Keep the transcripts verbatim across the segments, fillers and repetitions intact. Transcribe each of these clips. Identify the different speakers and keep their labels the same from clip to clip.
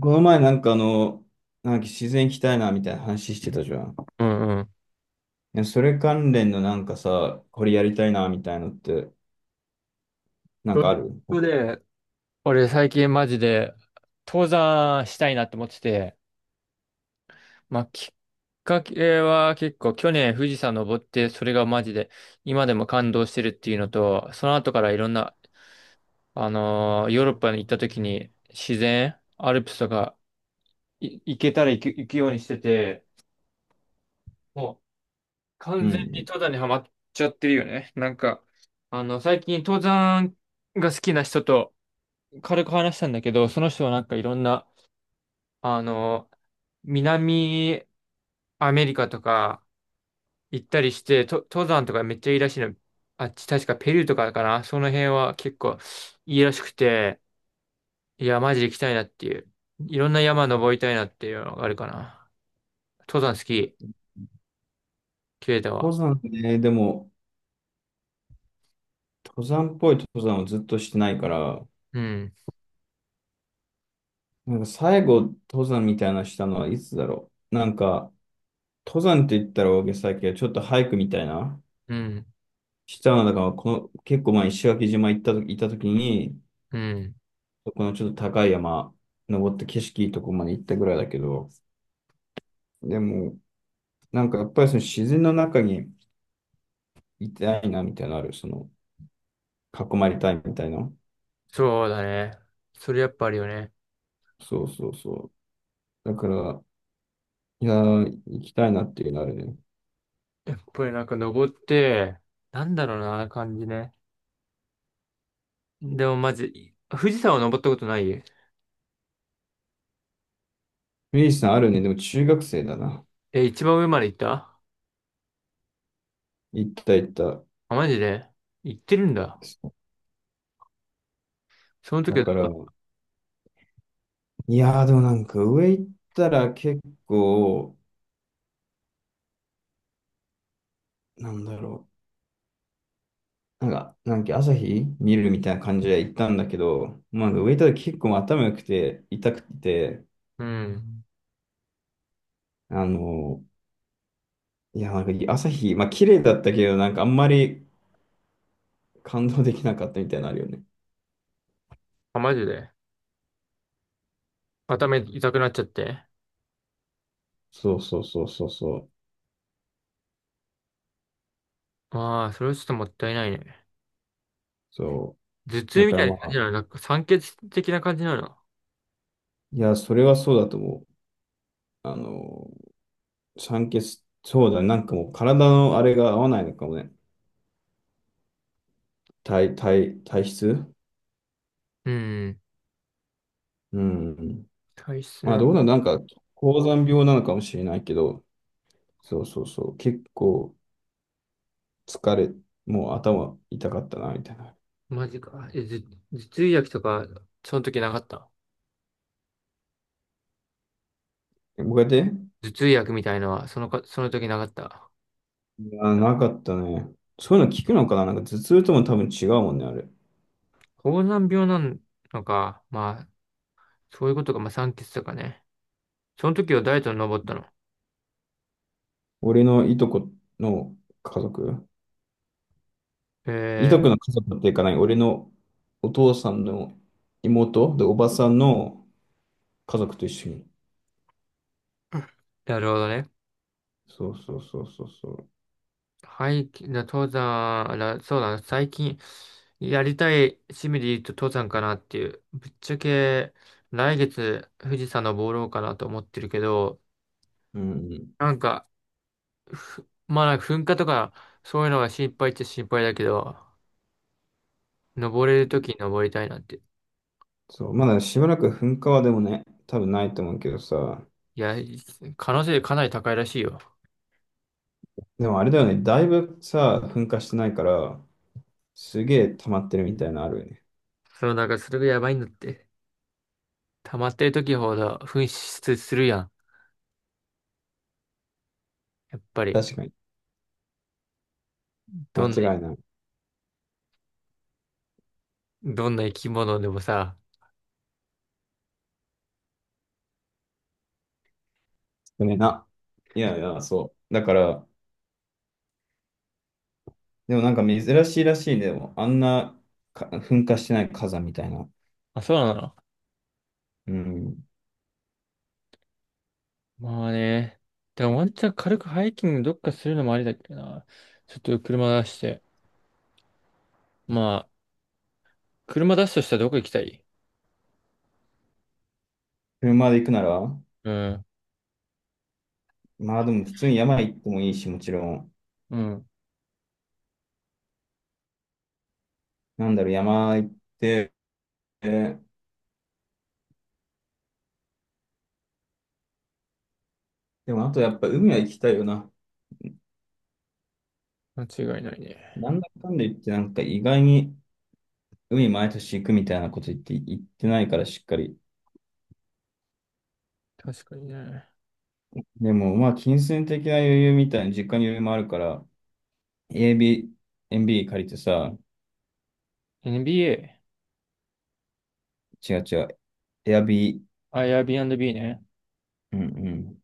Speaker 1: この前なんかあの、なんか自然行きたいなみたいな話してたじゃん。
Speaker 2: うんうん。
Speaker 1: いや、それ関連のなんかさ、これやりたいなみたいのって、なん
Speaker 2: ロ
Speaker 1: かあ
Speaker 2: ジッ
Speaker 1: る？
Speaker 2: クで、俺最近マジで登山したいなって思ってて、まあきっかけは結構去年富士山登って、それがマジで今でも感動してるっていうのと、その後からいろんな、あのーヨーロッパに行った時に自然、アルプスとかい行けたら行く、行くようにしてて、もう
Speaker 1: う
Speaker 2: 完全に
Speaker 1: ん。
Speaker 2: 登山にはまっちゃってるよね。なんか、あの最近登山が好きな人と軽く話したんだけど、その人はなんかいろんなあの、南アメリカとか行ったりして、と、登山とかめっちゃいいらしいの。あっち確かペルーとかかな。その辺は結構いいらしくて、いや、マジで行きたいなっていう。いろんな山登りたいなっていうのがあるかな。登山好き、ケイタ
Speaker 1: 登
Speaker 2: は。
Speaker 1: 山ね。でも、登山っぽい登山をずっとしてないから、
Speaker 2: うん、
Speaker 1: なんか最後登山みたいなのしたのはいつだろう。なんか、登山って言ったら大げさだけど、ちょっとハイクみたいな、
Speaker 2: うん、
Speaker 1: したのだから、この、結構前石垣島行ったと、行った時に、
Speaker 2: うん。
Speaker 1: そこのちょっと高い山、登って景色いいとこまで行ったぐらいだけど、でも、なんかやっぱりその自然の中にいたいなみたいなのある。その、囲まれたいみたいな。
Speaker 2: そうだね。それやっぱあるよね。
Speaker 1: そうそうそう。だから、いやー、行きたいなっていうのあるね。
Speaker 2: やっぱりなんか登って、なんだろうな、感じね。でもまず、富士山を登ったことない。
Speaker 1: ミリーさんあるね。でも中学生だな。
Speaker 2: え、一番上まで行った。
Speaker 1: 行った行った。
Speaker 2: あ、マジで行ってるんだ。その時
Speaker 1: だ
Speaker 2: は
Speaker 1: から、
Speaker 2: う、
Speaker 1: いやー、でもなんか上行ったら結構、なんだろう。なんか、なんか朝日見るみたいな感じで行ったんだけど、まあ、上行ったら結構頭良くて、痛くて、
Speaker 2: うん。
Speaker 1: あの、いや、なんか朝日、まあ綺麗だったけど、なんかあんまり、感動できなかったみたいなのあるよね。
Speaker 2: あ、マジで頭痛くなっちゃって。
Speaker 1: そうそうそうそうそう。
Speaker 2: ああ、それはちょっともったいないね。
Speaker 1: そ
Speaker 2: 頭
Speaker 1: う。
Speaker 2: 痛
Speaker 1: だ
Speaker 2: み
Speaker 1: から
Speaker 2: たいな
Speaker 1: ま
Speaker 2: 感じ
Speaker 1: あ、
Speaker 2: なの、なんか酸欠的な感じなの。
Speaker 1: いや、それはそうだと思う。あの、酸欠、そうだね、なんかもう体のあれが合わないのかもね。体、体、体質、
Speaker 2: うん。
Speaker 1: うん。
Speaker 2: 体質
Speaker 1: まあ
Speaker 2: な。
Speaker 1: どうなんなんか、高山病なのかもしれないけど、そうそうそう。結構疲れ、もう頭痛かったな、みたいな。
Speaker 2: マジか。え、頭、頭痛薬とか、その時なかった。
Speaker 1: こうやって、
Speaker 2: 頭痛薬みたいのは、そのか、その時なかった。
Speaker 1: いや、なかったね。そういうの聞くのかな、なんか頭痛とも多分違うもんね、あれ。
Speaker 2: 高山病なのか。まあ、そういうことか。まあ、酸欠とかね。その時はダイエットに登ったの。
Speaker 1: 俺のいとこの家族、いとこ
Speaker 2: え
Speaker 1: の家族っていうかない、俺のお父さんの妹で、おばさんの家族と一緒に。
Speaker 2: ー、なるほどね。
Speaker 1: そうそうそうそうそう。
Speaker 2: はいき、じゃあ登山、らそうだな、最近やりたい趣味で言うと登山かなっていう。ぶっちゃけ来月富士山登ろうかなと思ってるけど、
Speaker 1: うんうん。
Speaker 2: なんか、ふまあなんか噴火とかそういうのが心配っちゃ心配だけど、登れるときに登りたいなって。
Speaker 1: そう、まだしばらく噴火はでもね、多分ないと思うけどさ、
Speaker 2: いや、可能性かなり高いらしいよ。
Speaker 1: でもあれだよね、だいぶさ、噴火してないから、すげえ溜まってるみたいなのあるよね。
Speaker 2: そう、なんかそれがやばいんだって。溜まってる時ほど噴出するやん。やっぱり、
Speaker 1: 確かに。間
Speaker 2: どんな、
Speaker 1: 違いない。
Speaker 2: どんな生き物でもさ。
Speaker 1: 少ねえな。いやいや、そう。だから、でもなんか珍しいらしいね、でも、あんなか噴火してない火山みたいな。
Speaker 2: あ、そうなの。
Speaker 1: うん。
Speaker 2: まあね。でもワンチャン軽くハイキングどっかするのもありだけどな。ちょっと車出して。まあ、車出すとしたらどこ行きたい。
Speaker 1: 車で行くなら、
Speaker 2: うん。
Speaker 1: まあでも普通に山行ってもいいし、もちろん。
Speaker 2: うん。
Speaker 1: なんだろう、山行って、でもあとやっぱ海は行きたいよな。
Speaker 2: 間違いないね。
Speaker 1: なんだかんだ言ってなんか意外に海毎年行くみたいなこと言って、言ってないからしっかり。
Speaker 2: 確かにね。
Speaker 1: でもまあ金銭的な余裕みたいな、実家に余裕もあるから、エービー、エムビ b 借りてさ、
Speaker 2: エヌビーエー？
Speaker 1: 違う違う、エアビー、
Speaker 2: あ、エアビーアンドビー ね。
Speaker 1: うんうん、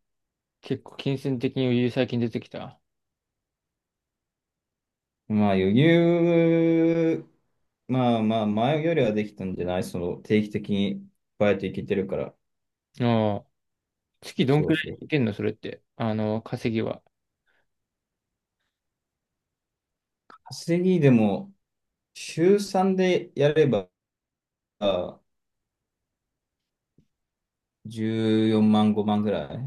Speaker 2: 結構金銭的に余裕最近出てきた。
Speaker 1: まあ余裕、まあまあ前よりはできたんじゃない、その定期的にバイト行けてるから。
Speaker 2: ああ。月どん
Speaker 1: そう
Speaker 2: くら
Speaker 1: そ
Speaker 2: い
Speaker 1: う。
Speaker 2: いけんのそれって。あの、稼ぎは。
Speaker 1: 稼ぎでも週さんでやればじゅうよんまんごまんぐらい。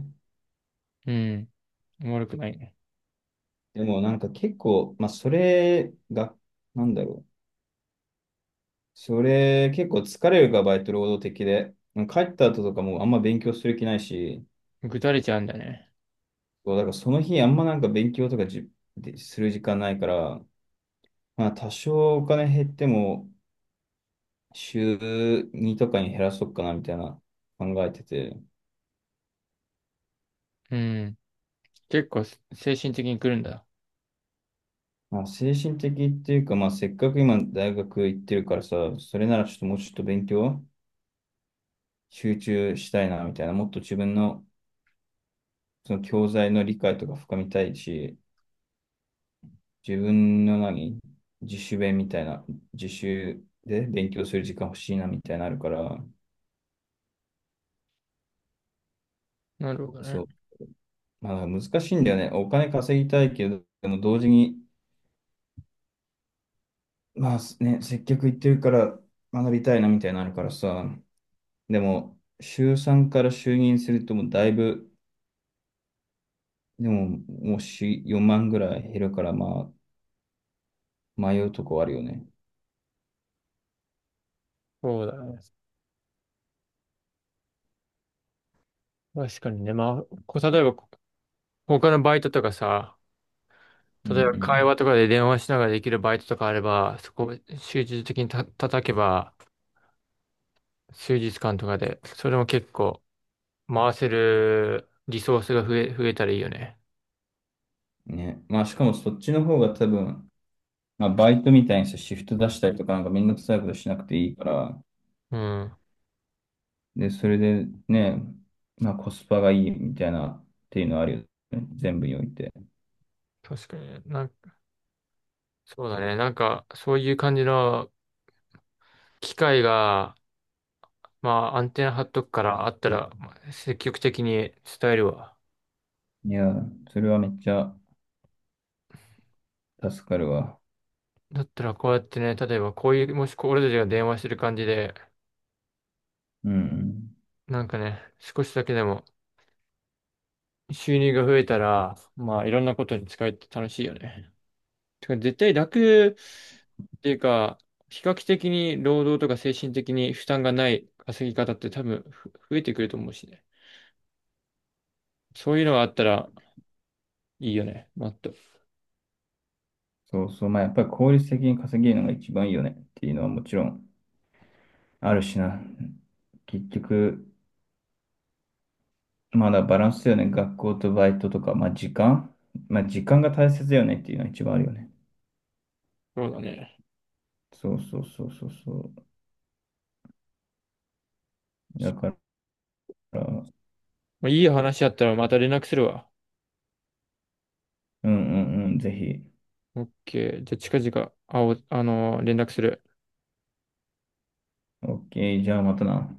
Speaker 2: うん。悪くないね。
Speaker 1: でもなんか結構、まあそれが、なんだろう。それ結構疲れるからバイト労働的で。帰った後とかもあんま勉強する気ないし、
Speaker 2: ぐだれちゃうんだね。
Speaker 1: そうだからその日あんまなんか勉強とかじ、でする時間ないから、まあ多少お金減っても、週にとかに減らそうかなみたいな考えてて、
Speaker 2: うん。結構精神的に来るんだ。
Speaker 1: まあ、精神的っていうか、まあ、せっかく今大学行ってるからさ、それならちょっともうちょっと勉強集中したいなみたいな、もっと自分のその教材の理解とか深みたいし、自分の何、自主勉みたいな、自習で勉強する時間欲しいなみたいになあるから、
Speaker 2: なるほどね。
Speaker 1: そう、まあ、難しいんだよね。お金稼ぎたいけど、でも同時に、まあね、接客行ってるから学びたいなみたいになのあるからさ、でも、週さんから就任するともうだいぶ、でも、もうしよんまんぐらい減るから、まあ、迷うとこあるよね。
Speaker 2: そうだね。確かにね。まあ、こう、例えば、他のバイトとかさ、
Speaker 1: う
Speaker 2: 例えば会
Speaker 1: ん
Speaker 2: 話とかで電話しながらできるバイトとかあれば、そこを集中的にた叩けば、数日間とかで、それも結構回せるリソースが増え、増えたらいいよね。
Speaker 1: うん。ね。まあ、しかもそっちの方が多分、まあ、バイトみたいにさ、シフト出したりとか、なんかめんどくさいことしなくていいから、
Speaker 2: うん。
Speaker 1: で、それでね、まあ、コスパがいいみたいなっていうのはあるよね。全部において。
Speaker 2: 確かに。なんか、そうだね。なんか、そういう感じの機会が、まあ、アンテナ張っとくから、あったら、まあ積極的に伝えるわ。
Speaker 1: いや、それはめっちゃ助かるわ。
Speaker 2: だったら、こうやってね、例えば、こういう、もしこう俺たちが電話してる感じで、
Speaker 1: うんうん。
Speaker 2: なんかね、少しだけでも、収入が増えたら、まあいろんなことに使えて楽しいよね。てか絶対楽っていうか、比較的に労働とか精神的に負担がない稼ぎ方って多分ふ増えてくると思うしね。そういうのがあったらいいよね。もっと。
Speaker 1: そうそう。まあ、やっぱり効率的に稼げるのが一番いいよねっていうのはもちろんあるしな。結局、まだバランスだよね。学校とバイトとか、まあ時間。まあ時間が大切だよねっていうのは一番あるよね。
Speaker 2: そうだね。
Speaker 1: そうそうそうそうそう。だから、
Speaker 2: まあ、いい話あったらまた連絡するわ。
Speaker 1: うんうんうん、ぜひ。
Speaker 2: オッケー。じゃあ近々、あお、あのー連絡する。
Speaker 1: オーケー、じゃあまたな。